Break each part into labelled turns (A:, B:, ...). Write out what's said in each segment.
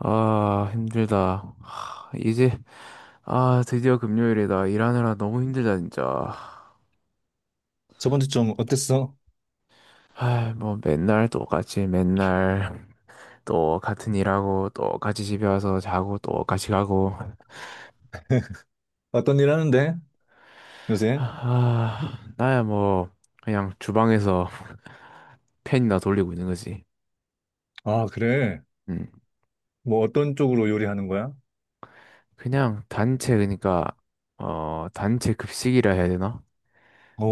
A: 아, 힘들다. 하, 이제, 아, 드디어 금요일이다. 일하느라 너무 힘들다, 진짜.
B: 저번 주 좀 어땠어?
A: 아, 뭐, 맨날 똑같이, 맨날 또 같은 일하고, 또 같이 집에 와서 자고, 또 같이 가고.
B: 어떤 일 하는데? 요새?
A: 아, 나야 뭐, 그냥 주방에서 팬이나 돌리고 있는 거지.
B: 아, 그래.
A: 음,
B: 뭐 어떤 쪽으로 요리하는 거야?
A: 그냥 단체, 그러니까, 단체 급식이라 해야 되나?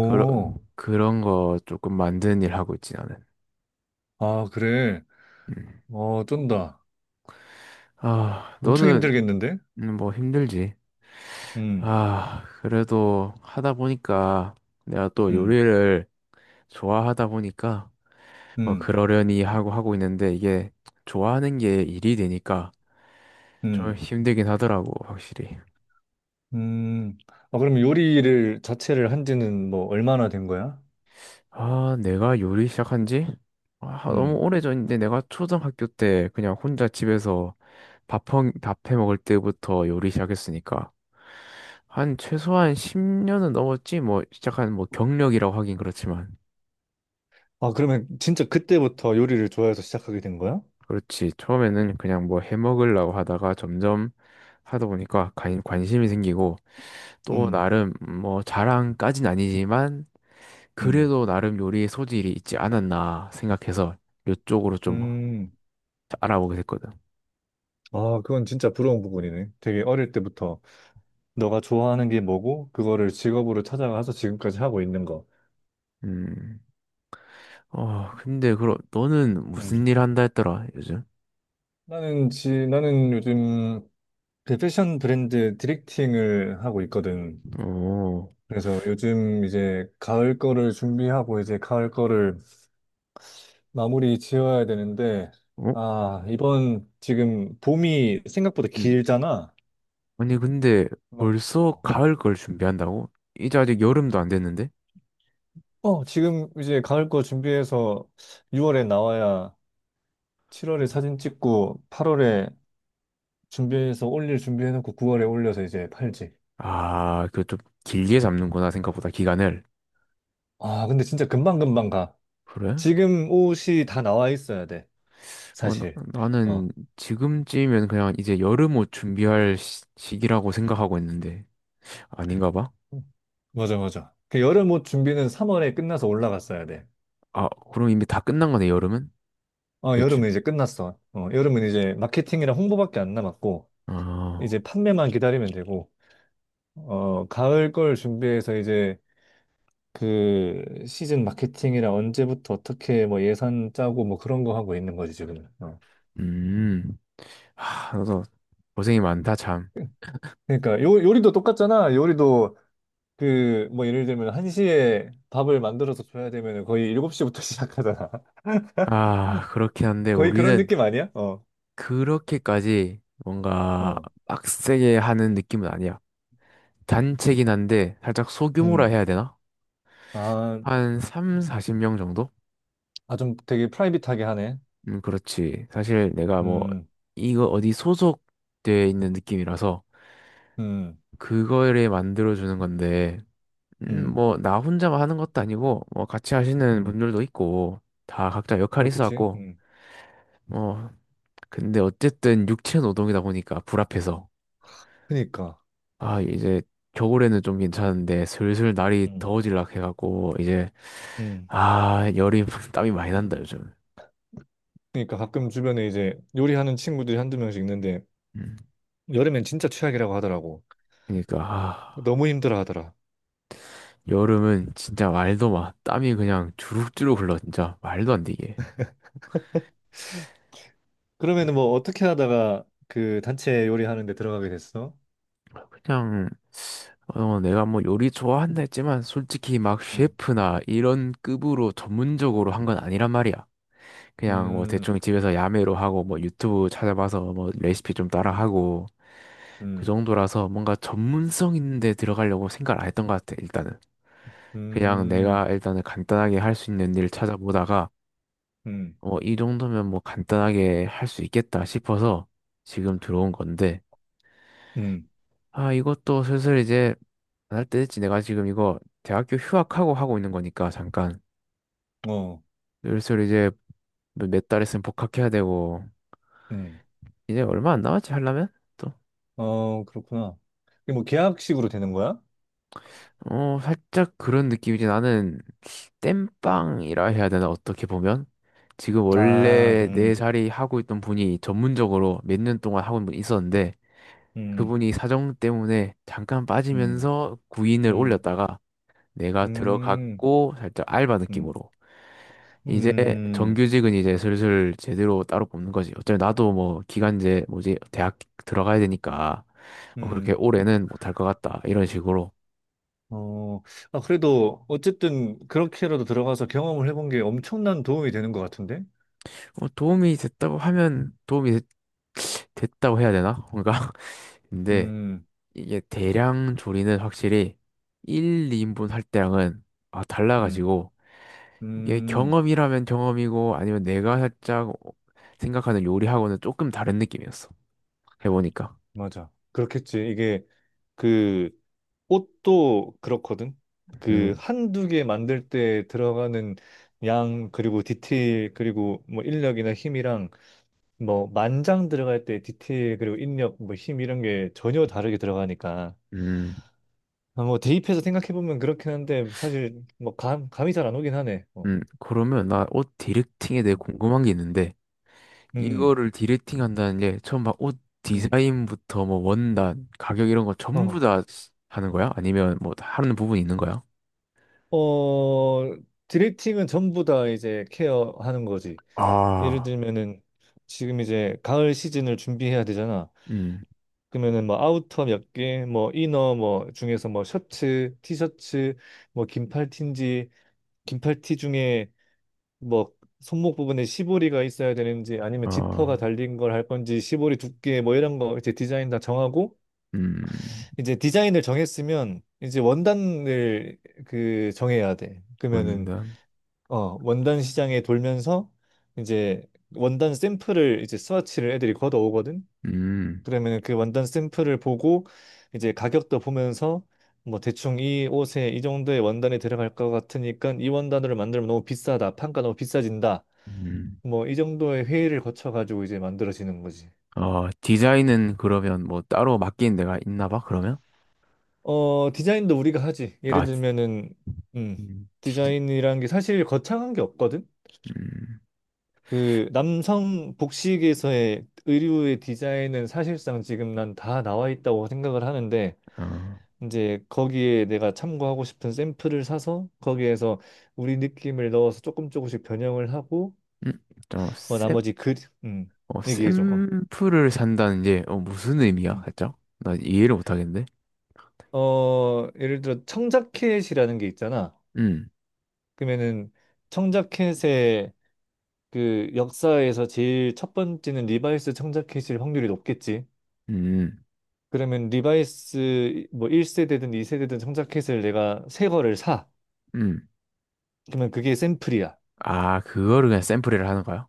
A: 그런, 그런 거 조금 만드는 일 하고 있지, 나는.
B: 아, 그래.
A: 음.
B: 어, 쩐다.
A: 아,
B: 엄청
A: 너는
B: 힘들겠는데?
A: 뭐 힘들지.
B: 음,
A: 아, 그래도 하다 보니까 내가 또
B: 음,
A: 요리를 좋아하다 보니까 뭐
B: 음,
A: 그러려니 하고 하고 있는데 이게 좋아하는 게 일이 되니까 좀
B: 음,
A: 힘들긴 하더라고, 확실히.
B: 음. 아, 그럼 요리를 자체를 한 지는 뭐 얼마나 된 거야?
A: 아, 내가 요리 시작한 지? 아, 너무
B: 음.
A: 오래전인데 내가 초등학교 때 그냥 혼자 집에서 밥해 먹을 때부터 요리 시작했으니까 한 최소한 10년은 넘었지 뭐 시작한 뭐 경력이라고 하긴 그렇지만.
B: 아, 그러면 진짜 그때부터 요리를 좋아해서 시작하게 된 거야?
A: 그렇지. 처음에는 그냥 뭐 해먹으려고 하다가 점점 하다 보니까 관심이 생기고 또
B: 음,
A: 나름 뭐 자랑까진 아니지만
B: 음,
A: 그래도 나름 요리의 소질이 있지 않았나 생각해서 이쪽으로 좀
B: 음.
A: 알아보게 됐거든.
B: 아, 그건 진짜 부러운 부분이네. 되게 어릴 때부터 너가 좋아하는 게 뭐고 그거를 직업으로 찾아가서 지금까지 하고 있는 거.
A: 음. 근데 그럼 너는
B: 음.
A: 무슨 일 한다 했더라, 요즘?
B: 나는 요즘 그 패션 브랜드 디렉팅을 하고 있거든.
A: 오.
B: 그래서 요즘 이제 가을 거를 준비하고 이제 가을 거를 마무리 지어야 되는데
A: 어?
B: 아, 이번 지금 봄이 생각보다
A: 음.
B: 길잖아.
A: 아니 근데
B: 막
A: 벌써 가을 걸 준비한다고? 이제 아직 여름도 안 됐는데?
B: 어, 지금 이제 가을 거 준비해서 6월에 나와야 7월에 사진 찍고 8월에 준비해서 올릴 준비해놓고 9월에 올려서 이제 팔지.
A: 아, 그 좀 길게 잡는구나 생각보다 기간을.
B: 아, 근데 진짜 금방금방 가.
A: 그래?
B: 지금 옷이 다 나와 있어야 돼,
A: 어,
B: 사실. 어.
A: 나는 지금쯤이면 그냥 이제 여름 옷 준비할 시기라고 생각하고 있는데 아닌가 봐.
B: 맞아, 맞아. 그 여름 옷 준비는 3월에 끝나서 올라갔어야 돼.
A: 아, 그럼 이미 다 끝난 거네, 여름은?
B: 어,
A: 그치?
B: 여름은 이제 끝났어. 어, 여름은 이제 마케팅이랑 홍보밖에 안 남았고, 이제
A: 아,
B: 판매만 기다리면 되고, 어, 가을 걸 준비해서 이제 그 시즌 마케팅이랑 언제부터 어떻게 뭐 예산 짜고 뭐 그런 거 하고 있는 거지, 지금은. 어.
A: 음. 하, 너도 고생이 많다, 참.
B: 그러니까 요리도 똑같잖아. 요리도 그, 뭐, 예를 들면, 1시에 밥을 만들어서 줘야 되면 거의 7시부터 시작하잖아.
A: 아, 그렇긴 한데
B: 거의 그런
A: 우리는
B: 느낌 아니야? 어,
A: 그렇게까지 뭔가
B: 어.
A: 빡세게 하는 느낌은 아니야. 단체긴 한데 살짝 소규모라
B: 음.
A: 해야 되나?
B: 아,
A: 한 3, 40명 정도?
B: 아, 좀 되게 프라이빗하게 하네.
A: 그렇지. 사실 내가 뭐,
B: 음,
A: 이거 어디 소속돼 있는 느낌이라서,
B: 음,
A: 그거를 만들어주는 건데,
B: 음,
A: 뭐, 나 혼자만 하는 것도 아니고, 뭐, 같이 하시는
B: 음.
A: 분들도 있고, 다 각자 역할이
B: 그렇겠지.
A: 있어갖고,
B: 음.
A: 뭐, 근데 어쨌든 육체 노동이다 보니까 불합해서,
B: 그니까.
A: 아, 이제 겨울에는 좀 괜찮은데, 슬슬 날이
B: 음,
A: 더워질락 해갖고, 이제,
B: 음.
A: 아, 열이, 땀이 많이 난다, 요즘.
B: 그니까 가끔 주변에 이제 요리하는 친구들이 한두 명씩 있는데,
A: 음,
B: 여름엔 진짜 최악이라고 하더라고.
A: 그러니까, 아.
B: 너무 힘들어 하더라.
A: 여름은 진짜 말도 마. 땀이 그냥 주룩주룩 흘러, 진짜. 말도 안 되게.
B: 그러면은 뭐, 어떻게 하다가 그 단체 요리하는 데 들어가게 됐어?
A: 그냥, 내가 뭐 요리 좋아한다 했지만, 솔직히 막
B: 음,
A: 셰프나 이런 급으로 전문적으로 한 건 아니란 말이야. 그냥 뭐
B: 음,
A: 대충 집에서 야매로 하고, 뭐 유튜브 찾아봐서 뭐 레시피 좀
B: 음.
A: 따라하고, 그
B: 음.
A: 정도라서 뭔가 전문성 있는데 들어가려고 생각을 안 했던 것 같아, 일단은. 그냥
B: 음,
A: 내가 일단은 간단하게 할 수 있는 일 찾아보다가,
B: 음,
A: 이 정도면 뭐 간단하게 할 수 있겠다 싶어서 지금 들어온 건데,
B: 음,
A: 아, 이것도 슬슬 이제 안 할 때 됐지. 내가 지금 이거 대학교 휴학하고 하고 있는 거니까 잠깐.
B: 어,
A: 슬슬 이제 뭐 몇달 있으면 복학해야 되고,
B: 음,
A: 이제 얼마 안 남았지 하려면? 또.
B: 어, 그렇구나. 이게 뭐 계약식으로 되는 거야?
A: 어, 살짝 그런 느낌이지. 나는 땜빵이라 해야 되나, 어떻게 보면? 지금
B: 아,
A: 원래 내 자리 하고 있던 분이 전문적으로 몇 년 동안 하고 있는 분이 있었는데,
B: 음,
A: 그분이 사정 때문에 잠깐
B: 음,
A: 빠지면서 구인을
B: 음,
A: 올렸다가 내가
B: 음,
A: 들어갔고 살짝 알바
B: 음,
A: 느낌으로 이제
B: 음,
A: 정규직은 이제 슬슬 제대로 따로 뽑는 거지. 어차피 나도 뭐 기간제 뭐지 대학 들어가야 되니까 어, 그렇게
B: 음,
A: 올해는 못할 것 같다 이런 식으로.
B: 어, 아, 그래도 어쨌든 그렇게라도 들어가서 경험을 해본 게 엄청난 도움이 되는 것 같은데?
A: 어, 도움이 됐다고 하면 도움이 됐다고 해야 되나? 뭔가 근데
B: 음,
A: 이게 대량 조리는 확실히 1, 2인분 할 때랑은 아
B: 음,
A: 달라가지고 이게
B: 음,
A: 경험이라면 경험이고 아니면 내가 살짝 생각하는 요리하고는 조금 다른 느낌이었어. 해보니까.
B: 맞아. 그렇겠지. 이게 그 옷도 그렇거든. 그
A: 음,
B: 한두 개 만들 때 들어가는 양 그리고 디테일 그리고 뭐 인력이나 힘이랑 뭐 만장 들어갈 때 디테일 그리고 인력 뭐 힘 이런 게 전혀 다르게 들어가니까
A: 음,
B: 아, 뭐 대입해서 생각해 보면 그렇긴 한데 사실 뭐 감이 잘 안 오긴 하네. 어.
A: 그러면 나 옷 디렉팅에 대해
B: 음.
A: 궁금한 게 있는데
B: 음.
A: 이거를 디렉팅 한다는 게 처음 막 옷
B: 음.
A: 디자인부터 뭐 원단, 가격 이런 거 전부
B: 어.
A: 다 하는 거야? 아니면 뭐 하는 부분이 있는 거야?
B: 어, 디렉팅은 전부 다 이제 케어하는 거지. 예를
A: 아,
B: 들면은 지금 이제 가을 시즌을 준비해야 되잖아.
A: 음,
B: 그러면은 뭐 아우터 몇 개, 뭐 이너 뭐 중에서 뭐 셔츠, 티셔츠, 뭐 긴팔 티인지 긴팔 티 중에 뭐 손목 부분에 시보리가 있어야 되는지 아니면 지퍼가
A: 어...
B: 달린 걸 할 건지 시보리 두께 뭐 이런 거 이제 디자인 다 정하고
A: 음,
B: 이제 디자인을 정했으면 이제 원단을 그 정해야 돼. 그러면은
A: 원단,
B: 어, 원단 시장에 돌면서 이제 원단 샘플을 이제 스와치를 애들이 걷어오거든.
A: 음,
B: 그러면 그 원단 샘플을 보고 이제 가격도 보면서 뭐 대충 이 옷에 이 정도의 원단이 들어갈 것 같으니까 이 원단으로 만들면 너무 비싸다. 판가 너무 비싸진다.
A: 음.
B: 뭐 이 정도의 회의를 거쳐 가지고 이제 만들어지는 거지.
A: 어, 디자인은 그러면 뭐 따로 맡기는 데가 있나 봐, 그러면?
B: 어, 디자인도 우리가 하지. 예를
A: 아, 디,
B: 들면은 음.
A: 디-
B: 디자인이라는 게 사실 거창한 게 없거든.
A: 음,
B: 그 남성 복식에서의 의류의 디자인은 사실상 지금 난 다 나와 있다고 생각을 하는데
A: 아,
B: 이제 거기에 내가 참고하고 싶은 샘플을 사서 거기에서 우리 느낌을 넣어서 조금 조금씩 변형을 하고
A: 음, 좀
B: 어,
A: 샘,
B: 나머지 그 음,
A: 어,
B: 얘기해줘. 어.
A: 샘플을 산다는 게 무슨 의미야?
B: 음.
A: 살짝? 나 이해를 못하겠는데?
B: 어, 예를 들어 청자켓이라는 게 있잖아.
A: 음,
B: 그러면은 청자켓의 그 역사에서 제일 첫 번째는 리바이스 청자켓일 확률이 높겠지.
A: 음,
B: 그러면 리바이스 뭐 1세대든 2세대든 청자켓을 내가 새 거를 사.
A: 음.
B: 그러면 그게 샘플이야.
A: 아, 그거를 그냥 샘플이라 하는 거야?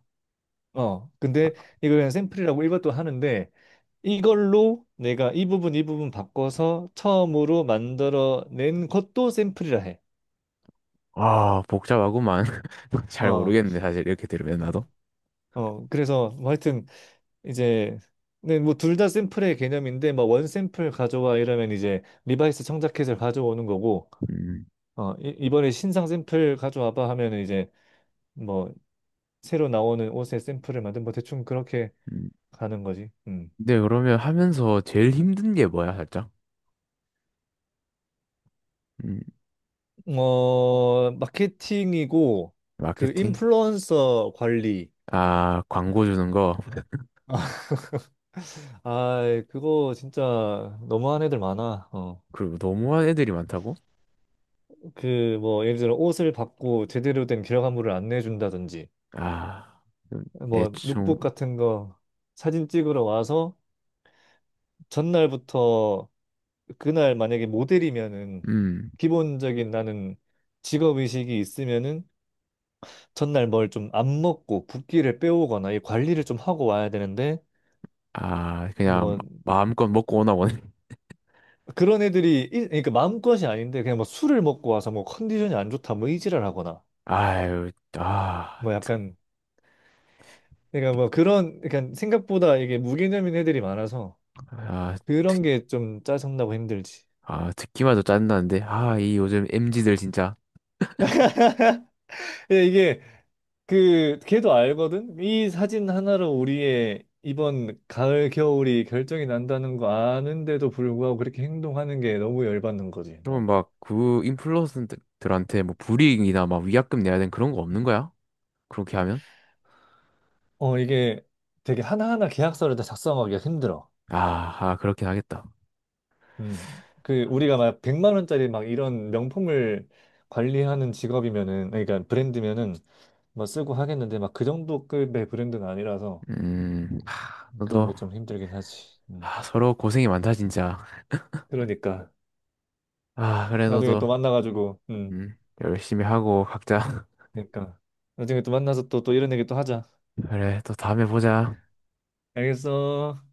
B: 어. 근데 이걸 그냥 샘플이라고 일반도 하는데 이걸로 내가 이 부분 이 부분 바꿔서 처음으로 만들어낸 것도 샘플이라 해.
A: 아, 복잡하구만. 잘
B: 어,
A: 모르겠네, 사실 이렇게 들으면 나도.
B: 음. 어, 그래서 뭐 하여튼 이제 네, 뭐 둘 다 샘플의 개념인데 뭐 원 샘플 가져와 이러면 이제 리바이스 청자켓을 가져오는 거고
A: 음,
B: 어, 이번에 신상 샘플 가져와봐 하면 은 이제 뭐 새로 나오는 옷의 샘플을 만든 뭐 대충 그렇게
A: 음.
B: 가는 거지. 음.
A: 근데 그러면 하면서 제일 힘든 게 뭐야, 살짝? 음,
B: 어, 마케팅이고 그
A: 마케팅?
B: 인플루언서 관리.
A: 아, 광고 주는 거.
B: 아, 그거 진짜 너무한 애들 많아. 어.
A: 그리고 너무한 애들이 많다고?
B: 그 뭐 예를 들어 옷을 받고 제대로 된 결과물을 안 내준다든지,
A: 아,
B: 뭐
A: 대충,
B: 룩북 같은 거 사진 찍으러 와서 전날부터 그날 만약에 모델이면은
A: 음.
B: 기본적인 나는 직업 의식이 있으면은 전날 뭘 좀 안 먹고 붓기를 빼오거나 이 관리를 좀 하고 와야 되는데
A: 아, 그냥
B: 뭐
A: 마음껏 먹고 오나 보네.
B: 그런 애들이 그러니까 마음것이 아닌데 그냥 뭐 술을 먹고 와서 뭐 컨디션이 안 좋다 뭐 이지랄 하거나
A: 아유, 아,
B: 뭐 약간 그러니까 뭐 그런 그러니까 생각보다 이게 무개념인 애들이 많아서
A: 아,
B: 그런 게 좀 짜증나고 힘들지.
A: 아, 듣기만 해도 짜증나는데. 아, 이 요즘 m 지들 진짜.
B: 근데 이게 그 걔도 알거든. 이 사진 하나로 우리의 이번 가을 겨울이 결정이 난다는 거 아는데도 불구하고 그렇게 행동하는 게 너무 열받는 거지.
A: 그러면
B: 어,
A: 막 그 인플루언서들한테 뭐 불이익이나 막 위약금 내야 되는 그런 거 없는 거야? 그렇게 하면?
B: 어, 이게 되게 하나하나 계약서를 다 작성하기가 힘들어.
A: 아, 아, 그렇긴 하겠다.
B: 음. 그 우리가 막 100만 원짜리 막 이런 명품을 관리하는 직업이면은 그러니까 브랜드면은 뭐 쓰고 하겠는데 막 그 정도 급의 브랜드는 아니라서
A: 하,
B: 그런
A: 너도.
B: 게 좀 힘들긴 하지. 음.
A: 아, 서로 고생이 많다 진짜.
B: 그러니까
A: 아, 그래
B: 나중에
A: 너도
B: 또 만나가지고,
A: 음, 열심히 하고 각자.
B: 그러니까 나중에 또 만나서 또 이런 얘기 또 하자.
A: 그래 또 다음에 보자.
B: 알겠어.